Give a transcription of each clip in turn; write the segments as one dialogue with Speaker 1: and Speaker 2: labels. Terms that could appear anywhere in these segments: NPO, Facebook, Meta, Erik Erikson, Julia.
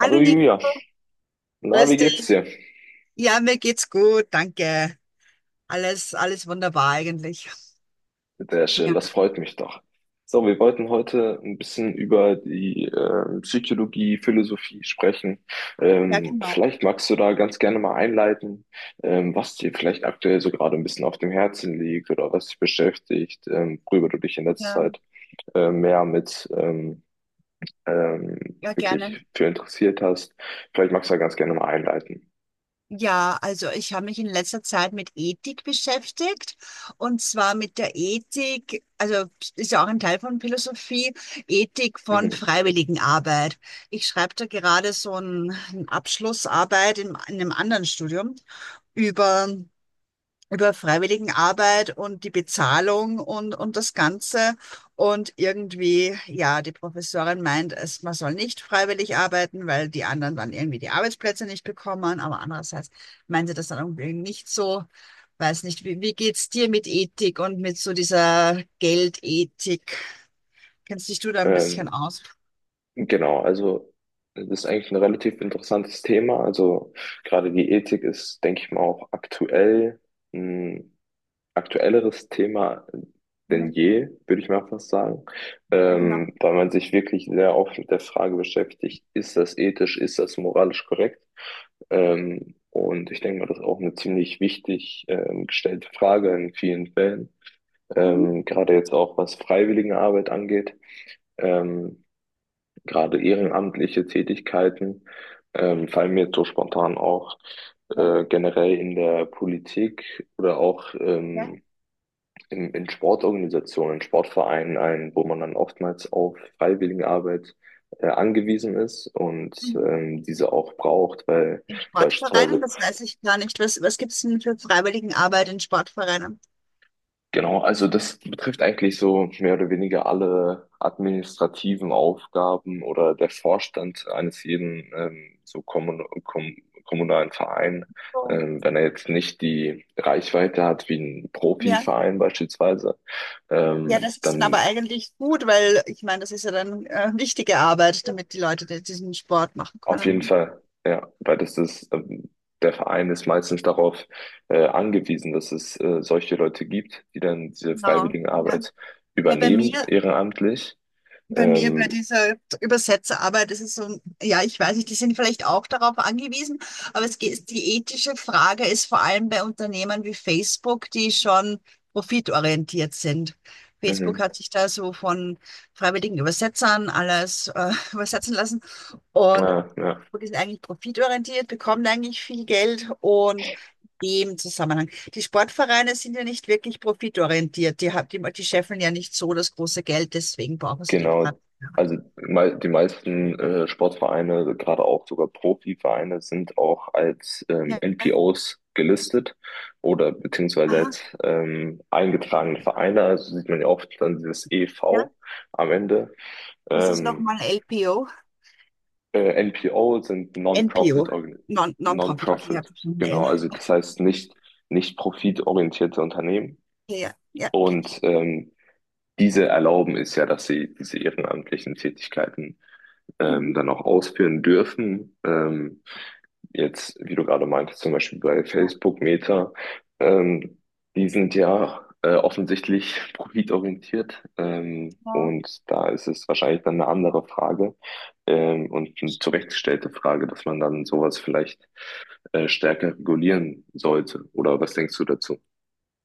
Speaker 1: Hallo
Speaker 2: Hallo
Speaker 1: Nico,
Speaker 2: Julia, na, wie
Speaker 1: grüß dich.
Speaker 2: geht's dir?
Speaker 1: Ja, mir geht's gut, danke. Alles, alles wunderbar eigentlich.
Speaker 2: Sehr schön,
Speaker 1: Ja,
Speaker 2: das freut mich doch. So, wir wollten heute ein bisschen über die Psychologie, Philosophie sprechen.
Speaker 1: ja genau.
Speaker 2: Vielleicht magst du da ganz gerne mal einleiten, was dir vielleicht aktuell so gerade ein bisschen auf dem Herzen liegt oder was dich beschäftigt, worüber du dich in letzter
Speaker 1: Ja,
Speaker 2: Zeit mehr mit ähm,
Speaker 1: ja, gerne.
Speaker 2: wirklich für interessiert hast. Vielleicht magst du da ganz gerne mal einleiten.
Speaker 1: Ja, also ich habe mich in letzter Zeit mit Ethik beschäftigt und zwar mit der Ethik, also ist ja auch ein Teil von Philosophie, Ethik von
Speaker 2: Mhm.
Speaker 1: Freiwilligenarbeit. Ich schreibe da gerade eine Abschlussarbeit in einem anderen Studium über über Freiwilligenarbeit und die Bezahlung und das Ganze. Und irgendwie, ja, die Professorin meint, man soll nicht freiwillig arbeiten, weil die anderen dann irgendwie die Arbeitsplätze nicht bekommen. Aber andererseits meint sie das dann irgendwie nicht so. Weiß nicht, wie geht's dir mit Ethik und mit so dieser Geldethik? Kennst dich du da ein bisschen
Speaker 2: Ähm,
Speaker 1: aus?
Speaker 2: Genau, also das ist eigentlich ein relativ interessantes Thema. Also gerade die Ethik ist, denke ich mal, auch aktuell ein aktuelleres Thema denn
Speaker 1: Ja,
Speaker 2: je, würde ich mal fast sagen.
Speaker 1: ja, genau.
Speaker 2: Da man sich wirklich sehr oft mit der Frage beschäftigt, ist das ethisch, ist das moralisch korrekt? Und ich denke mal, das ist auch eine ziemlich wichtig gestellte Frage in vielen Fällen,
Speaker 1: Mhm.
Speaker 2: gerade jetzt auch was Freiwilligenarbeit angeht. Ähm, gerade ehrenamtliche Tätigkeiten fallen mir jetzt so spontan auch
Speaker 1: Ja,
Speaker 2: generell in der Politik oder auch
Speaker 1: ja.
Speaker 2: in Sportorganisationen, Sportvereinen ein, wo man dann oftmals auf Freiwilligenarbeit angewiesen ist und
Speaker 1: Mhm.
Speaker 2: diese auch braucht, weil
Speaker 1: In Sportvereinen,
Speaker 2: beispielsweise.
Speaker 1: das weiß ich gar nicht. Was gibt's denn für Freiwilligenarbeit in Sportvereinen?
Speaker 2: Genau, also das betrifft eigentlich so mehr oder weniger alle administrativen Aufgaben oder der Vorstand eines jeden so kommunalen Verein,
Speaker 1: Oh.
Speaker 2: wenn er jetzt nicht die Reichweite hat wie ein
Speaker 1: Ja.
Speaker 2: Profiverein beispielsweise,
Speaker 1: Ja, das ist dann
Speaker 2: dann
Speaker 1: aber eigentlich gut, weil ich meine, das ist ja dann wichtige Arbeit, damit die Leute diesen Sport machen
Speaker 2: auf jeden
Speaker 1: können.
Speaker 2: Fall, ja, weil das ist, der Verein ist meistens darauf angewiesen, dass es solche Leute gibt, die dann diese
Speaker 1: Genau.
Speaker 2: freiwillige
Speaker 1: Ja,
Speaker 2: Arbeit
Speaker 1: ja bei
Speaker 2: übernehmen,
Speaker 1: mir
Speaker 2: ehrenamtlich.
Speaker 1: Bei mir, bei
Speaker 2: Ähm,
Speaker 1: dieser Übersetzerarbeit ist es so, ja, ich weiß nicht, die sind vielleicht auch darauf angewiesen, aber es geht, die ethische Frage ist vor allem bei Unternehmen wie Facebook, die schon profitorientiert sind. Facebook
Speaker 2: Mhm.
Speaker 1: hat sich da so von freiwilligen Übersetzern alles übersetzen lassen und
Speaker 2: Ja, ja,
Speaker 1: Facebook ist eigentlich profitorientiert, bekommt eigentlich viel Geld und in dem Zusammenhang die Sportvereine sind ja nicht wirklich profitorientiert. Die, die, die scheffeln ja nicht so das große Geld, deswegen brauchen sie die
Speaker 2: genau.
Speaker 1: Freiwilligenarbeit.
Speaker 2: Also die meisten Sportvereine, gerade auch sogar Profivereine, sind auch als
Speaker 1: Ja, ja.
Speaker 2: NPOs gelistet oder beziehungsweise
Speaker 1: Aha.
Speaker 2: als eingetragene
Speaker 1: Und,
Speaker 2: Vereine. Also sieht man ja oft dann dieses
Speaker 1: ja,
Speaker 2: EV am Ende.
Speaker 1: was ist
Speaker 2: Ähm,
Speaker 1: nochmal LPO?
Speaker 2: NPO sind
Speaker 1: NPO, Non-Profit. Okay, ja,
Speaker 2: Non-Profit,
Speaker 1: verstanden.
Speaker 2: genau.
Speaker 1: L.
Speaker 2: Also das heißt nicht, nicht profitorientierte Unternehmen.
Speaker 1: Okay, ja, ja, kenne ich.
Speaker 2: Und diese erlauben es ja, dass sie diese ehrenamtlichen Tätigkeiten
Speaker 1: Mhm.
Speaker 2: dann auch ausführen dürfen. Jetzt, wie du gerade meintest, zum Beispiel bei
Speaker 1: Ja,
Speaker 2: Facebook, Meta, ähm, die sind ja offensichtlich profitorientiert,
Speaker 1: ja.
Speaker 2: und da ist es wahrscheinlich dann eine andere Frage und eine zurechtgestellte Frage, dass man dann sowas vielleicht stärker regulieren sollte. Oder was denkst du dazu?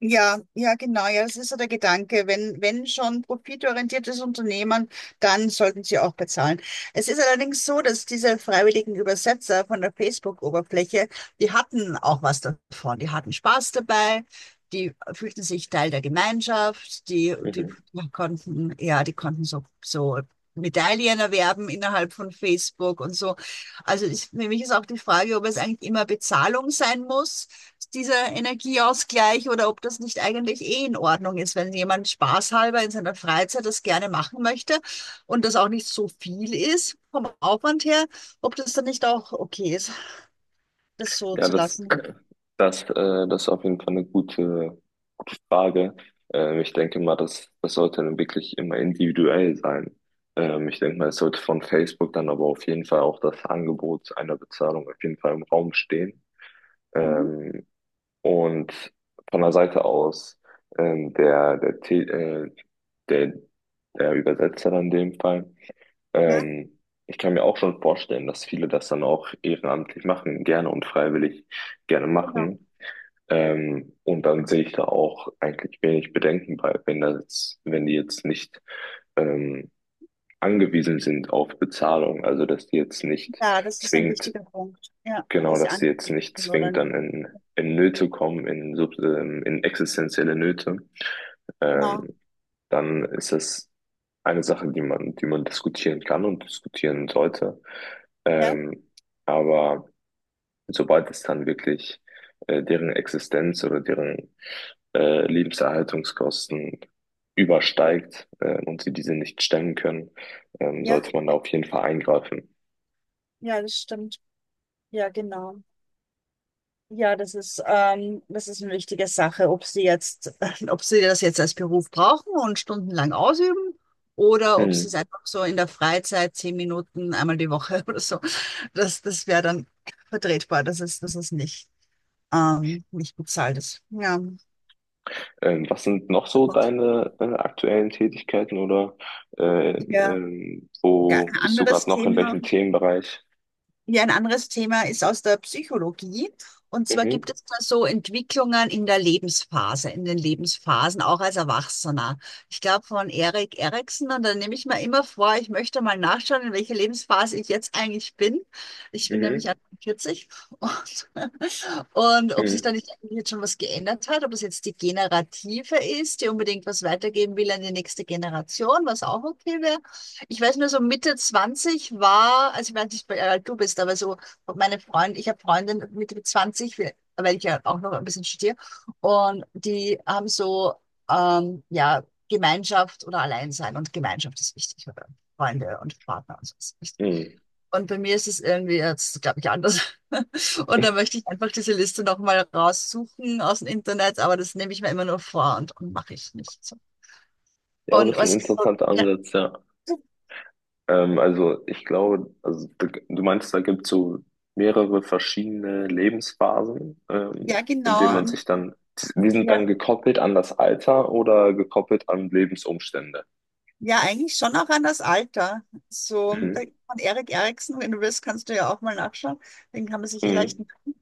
Speaker 1: Ja, ja, genau. Ja, das ist so der Gedanke. Wenn schon profitorientiertes Unternehmen, dann sollten sie auch bezahlen. Es ist allerdings so, dass diese freiwilligen Übersetzer von der Facebook-Oberfläche, die hatten auch was davon. Die hatten Spaß dabei. Die fühlten sich Teil der Gemeinschaft. Die
Speaker 2: Mhm.
Speaker 1: konnten, ja, die konnten so, so Medaillen erwerben innerhalb von Facebook und so. Also ich, für mich ist auch die Frage, ob es eigentlich immer Bezahlung sein muss, dieser Energieausgleich, oder ob das nicht eigentlich eh in Ordnung ist, wenn jemand spaßhalber in seiner Freizeit das gerne machen möchte und das auch nicht so viel ist vom Aufwand her, ob das dann nicht auch okay ist, das so
Speaker 2: Ja,
Speaker 1: zu
Speaker 2: das,
Speaker 1: lassen.
Speaker 2: das, äh, das ist auf jeden Fall eine gute Frage. Ich denke mal, das sollte dann wirklich immer individuell sein. Ich denke mal, es sollte von Facebook dann aber auf jeden Fall auch das Angebot einer Bezahlung auf jeden Fall im Raum stehen.
Speaker 1: Mhm.
Speaker 2: Ähm, und von der Seite aus ähm, der, der, Te- äh, der, der Übersetzer in dem Fall.
Speaker 1: Ja,
Speaker 2: Ähm, ich kann mir auch schon vorstellen, dass viele das dann auch ehrenamtlich machen, gerne und freiwillig gerne
Speaker 1: genau.
Speaker 2: machen. Und dann sehe ich da auch eigentlich wenig Bedenken bei, wenn die jetzt nicht ähm, angewiesen sind auf Bezahlung, also dass die jetzt nicht
Speaker 1: Ja, das ist ein
Speaker 2: zwingt,
Speaker 1: wichtiger Punkt. Ja,
Speaker 2: genau,
Speaker 1: dass sie
Speaker 2: dass die jetzt
Speaker 1: anbieten
Speaker 2: nicht
Speaker 1: oder
Speaker 2: zwingt,
Speaker 1: nicht.
Speaker 2: dann in Nöte kommen, in existenzielle Nöte.
Speaker 1: Genau.
Speaker 2: Ähm, dann ist es eine Sache, die man diskutieren kann und diskutieren sollte.
Speaker 1: Ja,
Speaker 2: Ähm, aber sobald es dann wirklich deren Existenz oder deren Lebenserhaltungskosten übersteigt, und sie diese nicht stemmen können,
Speaker 1: ja,
Speaker 2: sollte man da auf jeden Fall eingreifen.
Speaker 1: ja, das stimmt. Ja, genau. Ja, das ist eine wichtige Sache, ob sie jetzt, ob sie das jetzt als Beruf brauchen und stundenlang ausüben oder ob sie es
Speaker 2: Hm.
Speaker 1: einfach so in der Freizeit zehn Minuten einmal die Woche oder so. Das wäre dann vertretbar. Dass es nicht, nicht bezahlt ist. Ja.
Speaker 2: Was sind noch so deine aktuellen Tätigkeiten oder
Speaker 1: Ja, ja, ein
Speaker 2: wo bist du
Speaker 1: anderes
Speaker 2: gerade noch in
Speaker 1: Thema.
Speaker 2: welchem Themenbereich?
Speaker 1: Ja, ein anderes Thema ist aus der Psychologie. Und zwar
Speaker 2: Mhm.
Speaker 1: gibt es da so Entwicklungen in der Lebensphase, in den Lebensphasen, auch als Erwachsener. Ich glaube von Erik Erikson, und dann nehme ich mir immer vor, ich möchte mal nachschauen, in welcher Lebensphase ich jetzt eigentlich bin. Ich bin
Speaker 2: Mhm.
Speaker 1: nämlich 40 und und ob sich da
Speaker 2: Hm.
Speaker 1: nicht eigentlich jetzt schon was geändert hat, ob es jetzt die Generative ist, die unbedingt was weitergeben will an die nächste Generation, was auch okay wäre. Ich weiß nur, so Mitte 20 war, also ich weiß nicht, wie alt du bist, aber so meine Freundin, ich habe Freundin Mitte 20, weil ich ja auch noch ein bisschen studiere, und die haben so, ja, Gemeinschaft oder Alleinsein und Gemeinschaft ist wichtig, oder Freunde und Partner und so ist wichtig.
Speaker 2: Hm.
Speaker 1: Und bei mir ist es irgendwie jetzt, glaube ich, anders. Und da möchte ich einfach diese Liste nochmal raussuchen aus dem Internet, aber das nehme ich mir immer nur vor und mache ich nicht. So.
Speaker 2: Ja, aber das
Speaker 1: Und
Speaker 2: ist ein
Speaker 1: was ist so,
Speaker 2: interessanter
Speaker 1: ja,
Speaker 2: Ansatz, ja. Also ich glaube, also du meinst, da gibt es so mehrere verschiedene Lebensphasen,
Speaker 1: ja,
Speaker 2: in denen
Speaker 1: genau.
Speaker 2: man
Speaker 1: Und,
Speaker 2: sich dann, die sind dann
Speaker 1: ja.
Speaker 2: gekoppelt an das Alter oder gekoppelt an Lebensumstände.
Speaker 1: Ja, eigentlich schon auch an das Alter. So, da
Speaker 2: Mhm.
Speaker 1: von Erik Eriksen, wenn du willst, kannst du ja auch mal nachschauen. Den kann man sich eh leicht
Speaker 2: Mhm.
Speaker 1: merken.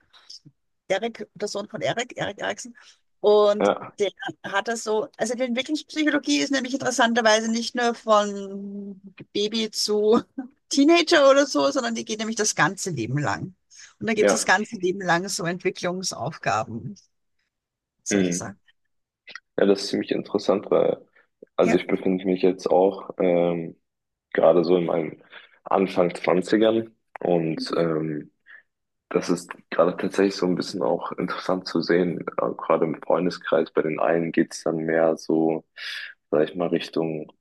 Speaker 1: Erik, der Sohn von Erik, Erik Eriksen. Und
Speaker 2: Ja,
Speaker 1: der hat das so, also die Entwicklungspsychologie ist nämlich interessanterweise nicht nur von Baby zu Teenager oder so, sondern die geht nämlich das ganze Leben lang. Und da gibt es das
Speaker 2: ja.
Speaker 1: ganze Leben lang so Entwicklungsaufgaben, solche
Speaker 2: Mhm.
Speaker 1: Sachen.
Speaker 2: Ja, das ist ziemlich interessant, weil, also
Speaker 1: Ja.
Speaker 2: ich befinde mich jetzt auch gerade so in meinen Anfang Zwanzigern und
Speaker 1: Mhm.
Speaker 2: das ist gerade tatsächlich so ein bisschen auch interessant zu sehen. Gerade im Freundeskreis, bei den einen geht's dann mehr so, sag ich mal, Richtung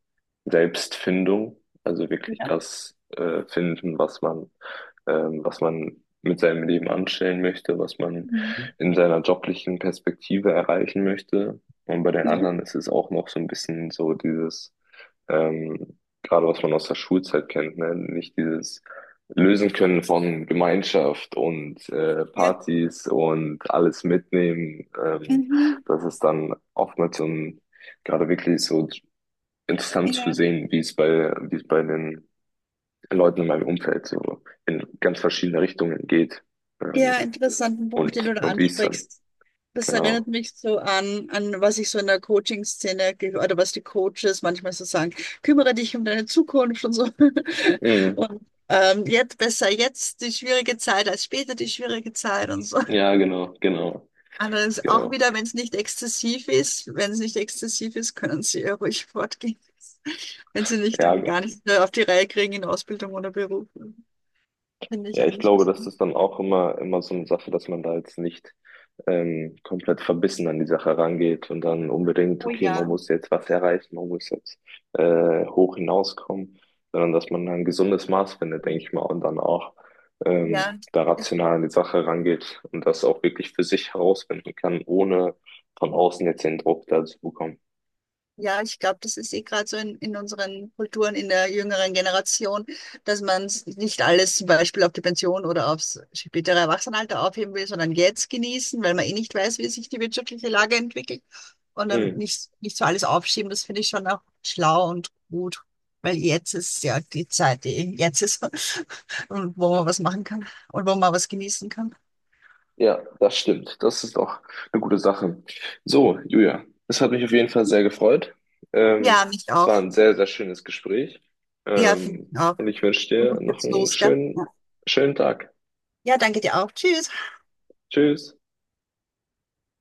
Speaker 2: Selbstfindung. Also wirklich
Speaker 1: Ja.
Speaker 2: das finden, was man mit seinem Leben anstellen möchte, was man
Speaker 1: Mhm.
Speaker 2: in seiner joblichen Perspektive erreichen möchte. Und bei den
Speaker 1: Ja.
Speaker 2: anderen ist es auch noch so ein bisschen so dieses, gerade was man aus der Schulzeit kennt, ne? Nicht dieses lösen können von Gemeinschaft und
Speaker 1: Ja.
Speaker 2: Partys und alles mitnehmen.
Speaker 1: Mhm.
Speaker 2: Das ist dann oftmals so ein, gerade wirklich so interessant zu
Speaker 1: Ja.
Speaker 2: sehen, wie es bei den Leuten in meinem Umfeld so in ganz verschiedene Richtungen geht. Ähm,
Speaker 1: Ja, interessanten Punkt, den du da
Speaker 2: und wie es dann,
Speaker 1: ansprichst. Das erinnert
Speaker 2: genau.
Speaker 1: mich so an, an was ich so in der Coaching-Szene oder was die Coaches manchmal so sagen, kümmere dich um deine Zukunft und so.
Speaker 2: Mhm.
Speaker 1: Und jetzt besser jetzt die schwierige Zeit als später die schwierige Zeit und so.
Speaker 2: Ja,
Speaker 1: Allerdings auch
Speaker 2: genau.
Speaker 1: wieder, wenn es nicht exzessiv ist, wenn es nicht exzessiv ist, können sie ja ruhig fortgehen. Wenn sie nicht
Speaker 2: Ja.
Speaker 1: dann gar nicht mehr auf die Reihe kriegen in Ausbildung oder Beruf. Finde ich
Speaker 2: Ja, ich
Speaker 1: eigentlich
Speaker 2: glaube, das
Speaker 1: besonders.
Speaker 2: ist dann auch immer so eine Sache, dass man da jetzt nicht komplett verbissen an die Sache rangeht und dann unbedingt,
Speaker 1: Oh
Speaker 2: okay, man
Speaker 1: ja.
Speaker 2: muss jetzt was erreichen, man muss jetzt hoch hinauskommen, sondern dass man ein gesundes Maß findet, denke ich mal, und dann auch
Speaker 1: Ja,
Speaker 2: da
Speaker 1: es
Speaker 2: rational an die Sache rangeht und das auch wirklich für sich herausfinden kann, ohne von außen jetzt den Druck da zu bekommen.
Speaker 1: ja, ich glaube, das ist eh gerade so in unseren Kulturen, in der jüngeren Generation, dass man nicht alles zum Beispiel auf die Pension oder aufs spätere Erwachsenenalter aufheben will, sondern jetzt genießen, weil man eh nicht weiß, wie sich die wirtschaftliche Lage entwickelt und dann
Speaker 2: Mhm.
Speaker 1: nicht so alles aufschieben. Das finde ich schon auch schlau und gut, weil jetzt ist ja die Zeit, die jetzt ist und wo man was machen kann und wo man was genießen kann.
Speaker 2: Ja, das stimmt. Das ist auch eine gute Sache. So, Julia, es hat mich auf jeden Fall sehr gefreut. Ähm,
Speaker 1: Ja, mich
Speaker 2: es war
Speaker 1: auch.
Speaker 2: ein sehr schönes Gespräch.
Speaker 1: Ja, finde ich auch.
Speaker 2: Und ich wünsche dir
Speaker 1: Und
Speaker 2: noch
Speaker 1: jetzt
Speaker 2: einen
Speaker 1: los, gell?
Speaker 2: schönen Tag.
Speaker 1: Ja, danke dir auch. Tschüss.
Speaker 2: Tschüss.